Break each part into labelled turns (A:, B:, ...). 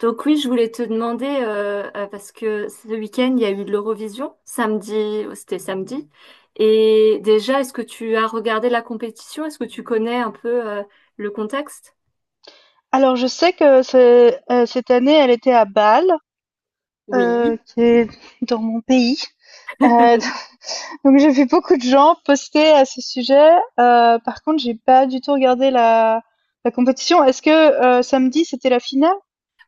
A: Donc oui, je voulais te demander, parce que ce week-end, il y a eu de l'Eurovision, samedi, c'était samedi. Et déjà, est-ce que tu as regardé la compétition? Est-ce que tu connais un peu, le contexte?
B: Alors je sais que cette année, elle était à Bâle,
A: Oui.
B: qui est dans mon pays. Heu, donc j'ai vu beaucoup de gens poster à ce sujet. Par contre, j'ai pas du tout regardé la compétition. Est-ce que, samedi, c'était la finale?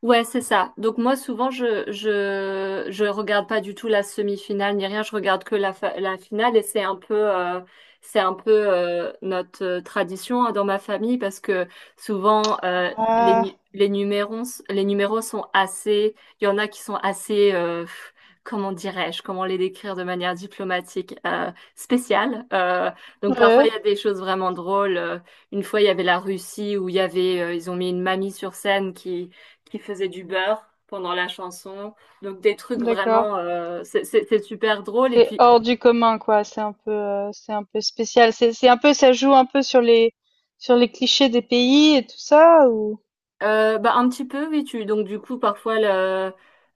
A: Ouais, c'est ça. Donc moi, souvent, je regarde pas du tout la semi-finale ni rien. Je regarde que la finale, et c'est un peu notre tradition, hein, dans ma famille, parce que souvent, les nu-
B: Ah,
A: les numéros les numéros sont assez. Il y en a qui sont assez, comment dirais-je, comment les décrire de manière diplomatique, spéciale. Donc parfois
B: ouais,
A: il y a des choses vraiment drôles. Une fois, il y avait la Russie où il y avait, ils ont mis une mamie sur scène qui faisait du beurre pendant la chanson. Donc des trucs
B: d'accord.
A: vraiment, c'est super drôle. Et
B: C'est
A: puis,
B: hors du commun, quoi. C'est un peu spécial. C'est un peu ça joue un peu sur les clichés des pays et tout ça ou?
A: bah, un petit peu, oui, donc du coup, parfois, le,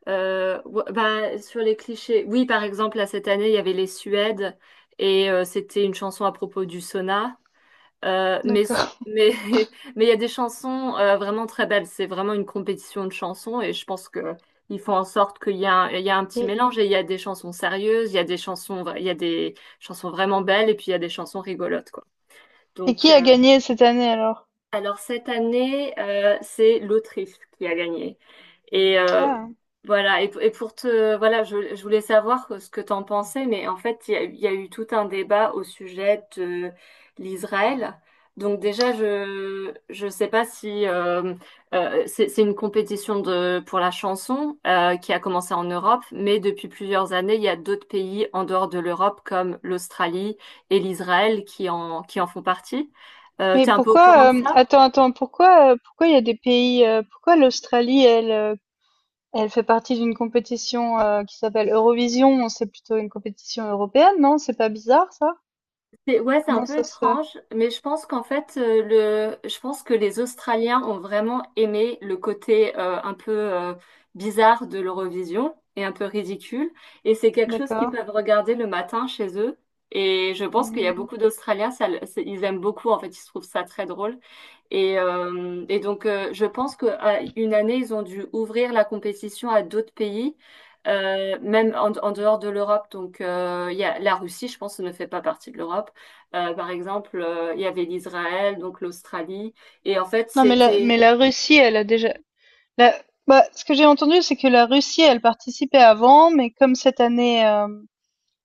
A: euh, ouais, bah, sur les clichés, oui, par exemple, là, cette année, il y avait les Suèdes, et, c'était une chanson à propos du sauna. Euh, mais sou-
B: D'accord.
A: mais mais il y a des chansons, vraiment très belles. C'est vraiment une compétition de chansons, et je pense que ils font en sorte qu'il y a un petit
B: Et
A: mélange, et il y a des chansons sérieuses, il y a des chansons vra- il y a des chansons vraiment belles, et puis il y a des chansons rigolotes, quoi.
B: et
A: Donc,
B: qui a gagné cette année alors?
A: alors cette année, c'est l'Autriche qui a gagné. Et,
B: Ah.
A: voilà, pour voilà, je voulais savoir ce que tu en pensais, mais en fait, il y a eu tout un débat au sujet de l'Israël. Donc déjà, je sais pas si, c'est une compétition de pour la chanson, qui a commencé en Europe, mais depuis plusieurs années, il y a d'autres pays en dehors de l'Europe comme l'Australie et l'Israël qui en font partie.
B: Mais
A: T'es un peu au courant de
B: pourquoi,
A: ça?
B: attends, attends, pourquoi, pourquoi il y a des pays, pourquoi l'Australie, elle, elle fait partie d'une compétition qui s'appelle Eurovision, c'est plutôt une compétition européenne, non? C'est pas bizarre ça?
A: Ouais, c'est un
B: Comment
A: peu
B: ça se fait?
A: étrange, mais je pense qu'en fait, je pense que les Australiens ont vraiment aimé le côté, un peu, bizarre de l'Eurovision et un peu ridicule. Et c'est quelque chose qu'ils
B: D'accord.
A: peuvent regarder le matin chez eux. Et je pense qu'il y a
B: Hmm.
A: beaucoup d'Australiens, ils aiment beaucoup, en fait, ils trouvent ça très drôle. Et donc, je pense qu'à une année, ils ont dû ouvrir la compétition à d'autres pays, même en dehors de l'Europe. Donc, il y a, la Russie, je pense, ne fait pas partie de l'Europe. Par exemple, il y avait l'Israël, donc l'Australie. Et en fait,
B: Non, mais la, mais
A: c'était...
B: la Russie, elle a déjà. La, bah, ce que j'ai entendu, c'est que la Russie, elle participait avant, mais comme cette année,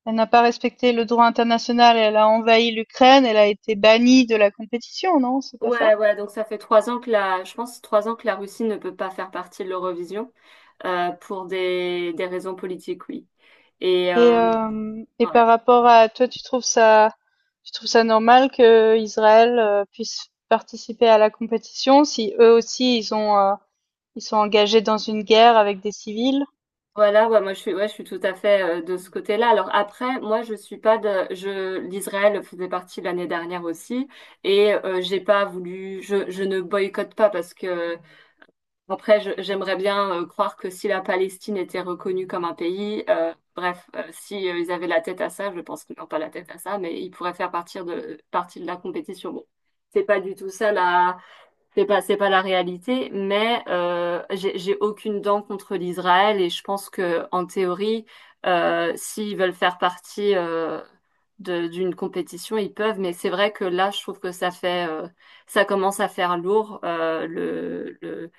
B: elle n'a pas respecté le droit international, elle a envahi l'Ukraine, elle a été bannie de la compétition, non? C'est pas ça?
A: Ouais, ouais, donc ça fait trois ans que la... Je pense 3 ans que la Russie ne peut pas faire partie de l'Eurovision, pour des raisons politiques, oui. Et,
B: Et, euh, et
A: ouais.
B: par rapport à toi, tu trouves ça normal que Israël puisse participer à la compétition si eux aussi ils sont engagés dans une guerre avec des civils?
A: Voilà, ouais, moi ouais, je suis tout à fait, de ce côté-là. Alors après, moi je suis pas de, je, l'Israël faisait partie l'année dernière aussi, et, j'ai pas voulu, je ne boycotte pas, parce que après, j'aimerais bien, croire que si la Palestine était reconnue comme un pays, bref, si, ils avaient la tête à ça, je pense qu'ils n'ont pas la tête à ça, mais ils pourraient faire partie de la compétition. Bon, c'est pas du tout ça, c'est pas la réalité, mais j'ai aucune dent contre l'Israël, et je pense que en théorie, s'ils veulent faire partie, d'une compétition, ils peuvent. Mais c'est vrai que là, je trouve que ça commence à faire lourd,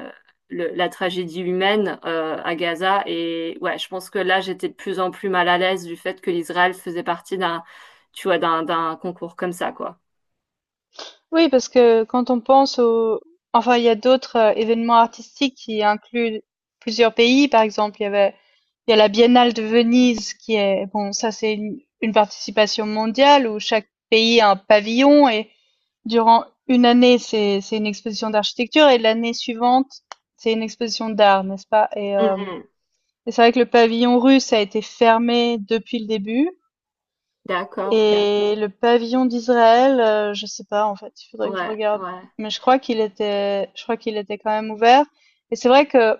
A: euh, la tragédie humaine, à Gaza. Et ouais, je pense que là, j'étais de plus en plus mal à l'aise du fait que l'Israël faisait partie tu vois, d'un concours comme ça, quoi.
B: Oui, parce que quand on pense au. Enfin, il y a d'autres événements artistiques qui incluent plusieurs pays. Par exemple, il y a la Biennale de Venise Bon, ça, c'est une participation mondiale où chaque pays a un pavillon et durant une année, c'est une exposition d'architecture et l'année suivante, c'est une exposition d'art, n'est-ce pas? Et, euh,
A: Mhm.
B: et c'est vrai que le pavillon russe a été fermé depuis le début.
A: D'accord.
B: Et le pavillon d'Israël, je sais pas en fait, il faudrait que je
A: Ouais,
B: regarde.
A: ouais.
B: Mais je crois qu'il était quand même ouvert. Et c'est vrai que,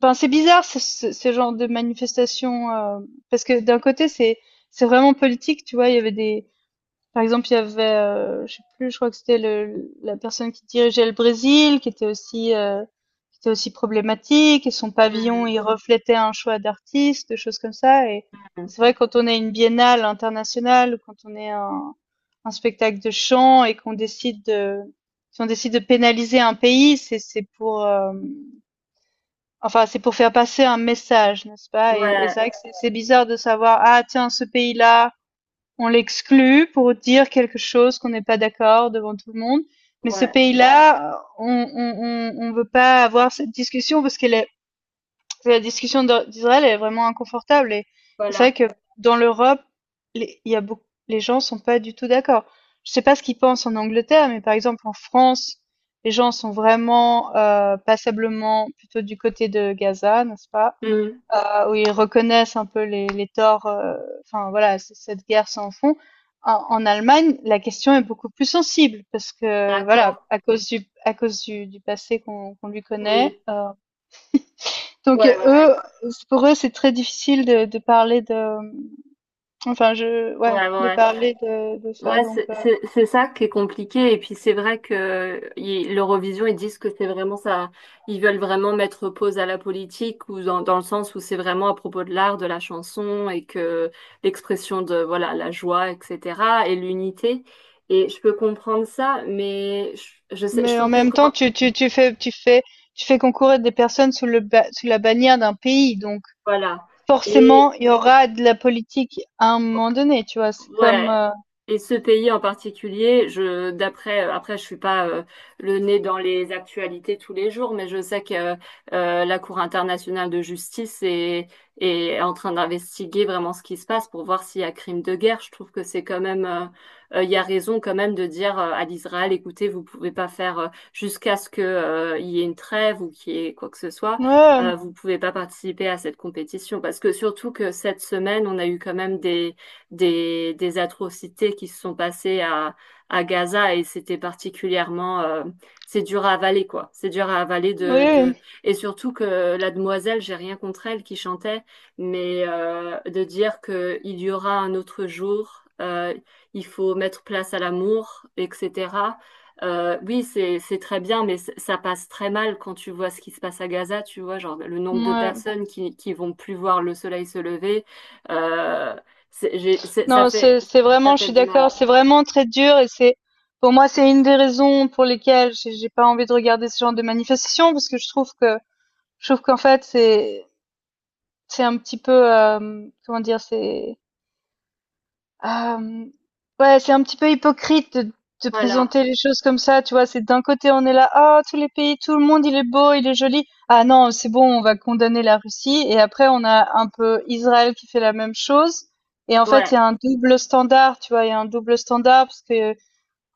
B: enfin, c'est bizarre ce genre de manifestation parce que d'un côté c'est vraiment politique, tu vois, il y avait des par exemple, il y avait, je sais plus, je crois que c'était le la personne qui dirigeait le Brésil, qui était aussi problématique et son pavillon,
A: Hmm.
B: il reflétait un choix d'artiste, des choses comme ça et
A: Hmm.
B: c'est vrai quand on est une biennale internationale ou quand on est un spectacle de chant et qu'on décide de si on décide de pénaliser un pays, enfin, c'est pour faire passer un message, n'est-ce pas? Et c'est
A: Ouais,
B: vrai que c'est bizarre de savoir: «Ah tiens, ce pays-là» on l'exclut pour dire quelque chose qu'on n'est pas d'accord devant tout le monde. Mais ce
A: ouais,
B: pays-là, on, on veut pas avoir cette discussion parce que la discussion d'Israël est vraiment inconfortable. Et c'est vrai
A: voilà.
B: que dans l'Europe, il y a beaucoup, les gens sont pas du tout d'accord. Je sais pas ce qu'ils pensent en Angleterre, mais par exemple en France, les gens sont vraiment passablement plutôt du côté de Gaza, n'est-ce pas?
A: Hmm.
B: Où ils reconnaissent un peu les torts, enfin voilà, cette guerre sans fond. En Allemagne, la question est beaucoup plus sensible parce que voilà,
A: D'accord,
B: à cause du du passé qu'on lui connaît.
A: oui.
B: Donc
A: Ouais, ouais,
B: eux,
A: ouais.
B: pour eux, c'est très difficile de parler de, enfin je,
A: Ouais,
B: ouais,
A: ouais.
B: de,
A: Ouais,
B: parler de ça.
A: ouais,
B: Donc, euh.
A: c'est ça qui est compliqué. Et puis c'est vrai que l'Eurovision, ils disent que c'est vraiment ça, hein. Ils veulent vraiment mettre pause à la politique, ou dans, dans le sens où c'est vraiment à propos de l'art, de la chanson, et que l'expression de voilà la joie, etc. et l'unité. Et je peux comprendre ça, mais je sais, je
B: Mais en
A: trouve que
B: même temps,
A: quand
B: tu fais concourir des personnes sous la bannière d'un pays, donc
A: voilà.
B: forcément, il y aura de la politique à un moment donné, tu vois. C'est comme,
A: Ouais.
B: euh,
A: Et ce pays en particulier, je d'après, après je suis pas, le nez dans les actualités tous les jours, mais je sais que, la Cour internationale de justice est en train d'investiguer vraiment ce qui se passe pour voir s'il y a crime de guerre. Je trouve que c'est quand même, il y a raison quand même de dire, à l'Israël, écoutez, vous pouvez pas faire, jusqu'à ce que, il y ait une trêve ou qu'il y ait quoi que ce soit,
B: Ouais,
A: vous pouvez pas participer à cette compétition, parce que surtout que cette semaine, on a eu quand même des atrocités qui se sont passées à, Gaza, et c'était particulièrement, c'est dur à avaler, quoi, c'est dur à avaler
B: oui,
A: de
B: oui.
A: et surtout que la demoiselle, j'ai rien contre elle qui chantait, mais, de dire que il y aura un autre jour, il faut mettre place à l'amour, etc. Oui, c'est très bien, mais ça passe très mal quand tu vois ce qui se passe à Gaza. Tu vois, genre le nombre de
B: Ouais.
A: personnes qui vont plus voir le soleil se lever, euh, c'est- j'ai- c'est- ça
B: Non,
A: fait,
B: c'est
A: ça
B: vraiment, je
A: fait
B: suis
A: du mal.
B: d'accord, c'est vraiment très dur et c'est pour moi c'est une des raisons pour lesquelles j'ai pas envie de regarder ce genre de manifestation parce que je trouve qu'en fait c'est un petit peu comment dire Hem, ouais, c'est un petit peu hypocrite de
A: Voilà.
B: présenter les choses comme ça, tu vois? C'est d'un côté, on est là: «Ah, tous les pays, tout le monde, il est beau, il est joli. Ah non, c'est bon, on va condamner la Russie» et après on a un peu Israël qui fait la même chose et en fait, il
A: Ouais.
B: y a un double standard, tu vois? Il y a un double standard parce que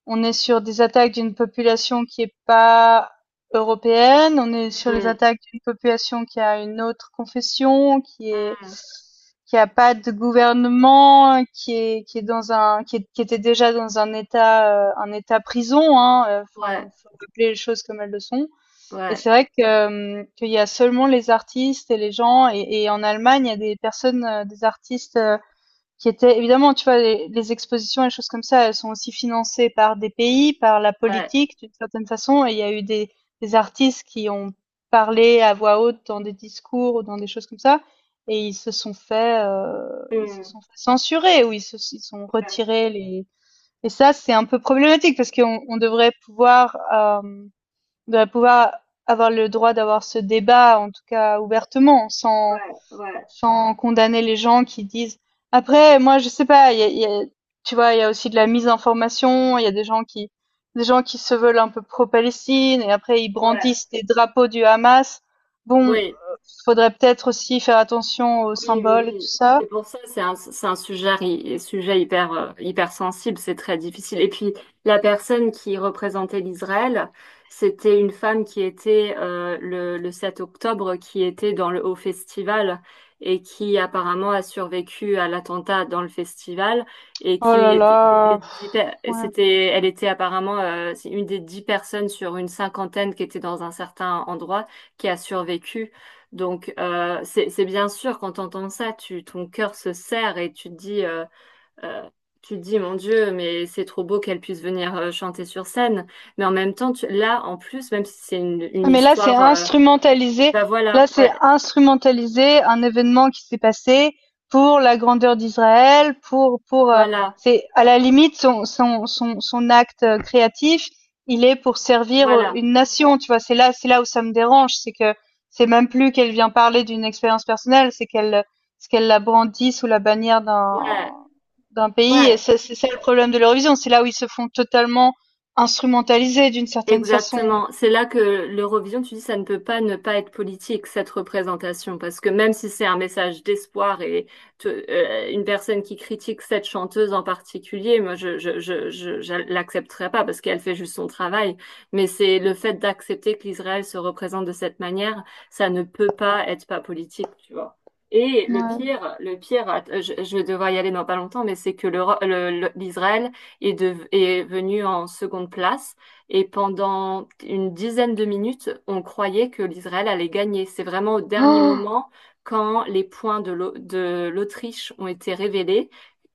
B: on est sur des attaques d'une population qui est pas européenne, on est sur les
A: Mm.
B: attaques d'une population qui a une autre confession, qui est
A: Mm.
B: qui a pas de gouvernement, qui était déjà dans un état prison, hein. Enfin,
A: Ouais.
B: faut rappeler les choses comme elles le sont. Et
A: Ouais.
B: c'est vrai que qu'il y a seulement les artistes et les gens et en Allemagne il y a des personnes, des artistes qui étaient évidemment, tu vois, les expositions et les choses comme ça, elles sont aussi financées par des pays, par la
A: Ouais.
B: politique d'une certaine façon. Et il y a eu des artistes qui ont parlé à voix haute dans des discours ou dans des choses comme ça, et ils se sont fait, ils se
A: Mm.
B: sont fait censurer ou ils sont
A: Ouais.
B: retirés les. Et ça, c'est un peu problématique parce qu'on devrait pouvoir avoir le droit d'avoir ce débat, en tout cas ouvertement, sans
A: Ouais. Ouais.
B: condamner les gens qui disent. Après, moi, je sais pas, tu vois, il y a aussi de la misinformation, il y a des gens qui se veulent un peu pro-Palestine et après ils
A: Ouais.
B: brandissent des drapeaux du Hamas. Bon,
A: Oui.
B: faudrait peut-être aussi faire attention aux
A: Oui, oui,
B: symboles et tout
A: oui.
B: ça.
A: C'est pour ça, c'est un sujet, sujet hyper, hyper sensible, c'est très difficile. Et puis, la personne qui représentait l'Israël, c'était une femme qui était, le 7 octobre, qui était dans le Haut Festival, et qui apparemment a survécu à l'attentat dans le festival, et
B: Oh
A: qui
B: là
A: était une des
B: là,
A: dix,
B: ouais.
A: elle était apparemment, c'est une des 10 personnes sur une cinquantaine qui était dans un certain endroit qui a survécu. Donc, c'est bien sûr, quand tu entends ça, tu, ton cœur se serre et euh, tu te dis, mon Dieu, mais c'est trop beau qu'elle puisse venir chanter sur scène. Mais en même temps, là, en plus, même si c'est une
B: Ah, mais là, c'est
A: histoire,
B: instrumentalisé.
A: bah
B: Là,
A: voilà,
B: c'est
A: ouais,
B: instrumentalisé un événement qui s'est passé pour la grandeur d'Israël, pour
A: voilà,
B: c'est à la limite son acte créatif, il est pour servir
A: voilà,
B: une nation, tu vois. C'est là où ça me dérange, c'est que c'est même plus qu'elle vient parler d'une expérience personnelle, c'est qu'elle la brandit sous la bannière d'un
A: ouais,
B: d'un pays et
A: ouais.
B: ça, c'est ça le problème de l'Eurovision, c'est là où ils se font totalement instrumentaliser d'une certaine façon.
A: Exactement. C'est là que l'Eurovision, tu dis, ça ne peut pas ne pas être politique, cette représentation, parce que même si c'est un message d'espoir et, une personne qui critique cette chanteuse en particulier, moi, je l'accepterai pas, parce qu'elle fait juste son travail. Mais c'est le fait d'accepter que l'Israël se représente de cette manière, ça ne peut pas être pas politique, tu vois. Et
B: Ouais.
A: le pire, je vais devoir y aller dans pas longtemps, mais c'est que l'Israël est venu en seconde place, et pendant une dizaine de minutes, on croyait que l'Israël allait gagner. C'est vraiment au dernier moment, quand les points de l'Autriche ont été révélés,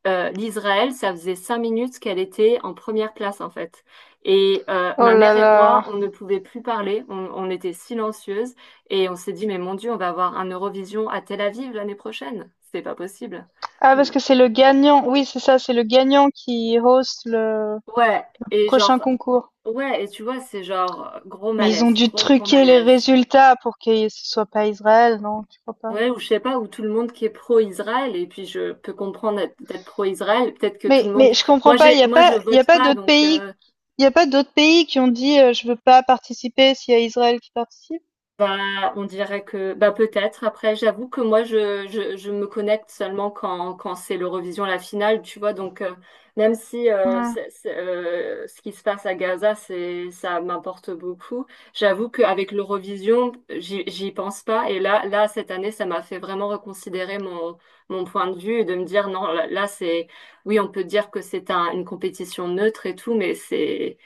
A: l'Israël, ça faisait 5 minutes qu'elle était en première place, en fait. Et,
B: Oh
A: ma
B: là
A: mère et moi,
B: là.
A: on ne pouvait plus parler, on était silencieuses, et on s'est dit, mais mon Dieu, on va avoir un Eurovision à Tel Aviv l'année prochaine. C'est pas possible.
B: Ah, parce que c'est le gagnant. Oui, c'est ça, c'est le gagnant qui host le
A: Ouais, et
B: prochain
A: genre,
B: concours.
A: ouais, et tu vois, c'est genre gros
B: Mais ils ont
A: malaise,
B: dû
A: gros gros
B: truquer les
A: malaise.
B: résultats pour que ce soit pas Israël, non, tu crois pas?
A: Ouais, ou je sais pas, ou tout le monde qui est pro-Israël, et puis je peux comprendre d'être pro-Israël, peut-être que tout
B: Mais,
A: le
B: mais
A: monde...
B: je comprends
A: Moi,
B: pas,
A: j'ai, moi, je vote pas, donc,
B: il y a pas d'autres pays qui ont dit je veux pas participer s'il y a Israël qui participe.
A: bah, on dirait que bah peut-être. Après, j'avoue que moi, je me connecte seulement quand c'est l'Eurovision, la finale, tu vois. Donc, même si,
B: Ouais.
A: c'est, ce qui se passe à Gaza, c'est, ça m'importe beaucoup. J'avoue qu'avec l'Eurovision, j'y pense pas. Et là, là, cette année, ça m'a fait vraiment reconsidérer mon point de vue, et de me dire, non, là, là, oui, on peut dire que c'est une compétition neutre et tout, mais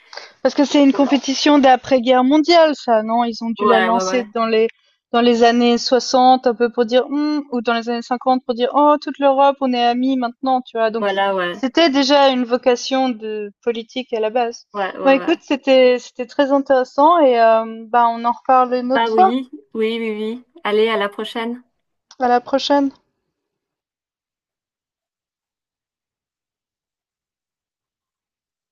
B: Parce que c'est une
A: voilà.
B: compétition d'après-guerre mondiale, ça, non? Ils ont dû la
A: Ouais, ouais,
B: lancer
A: ouais.
B: dans les années 60, un peu pour dire, ou dans les années 50 pour dire, oh, toute l'Europe, on est amis maintenant, tu vois. Donc,
A: Voilà, ouais.
B: c'était déjà une vocation de politique à la base.
A: Ouais, ouais,
B: Bon,
A: ouais.
B: écoute, c'était très intéressant et, bah, on en reparle une
A: Bah
B: autre fois.
A: oui, oui, oui, oui. Allez, à la prochaine.
B: À la prochaine.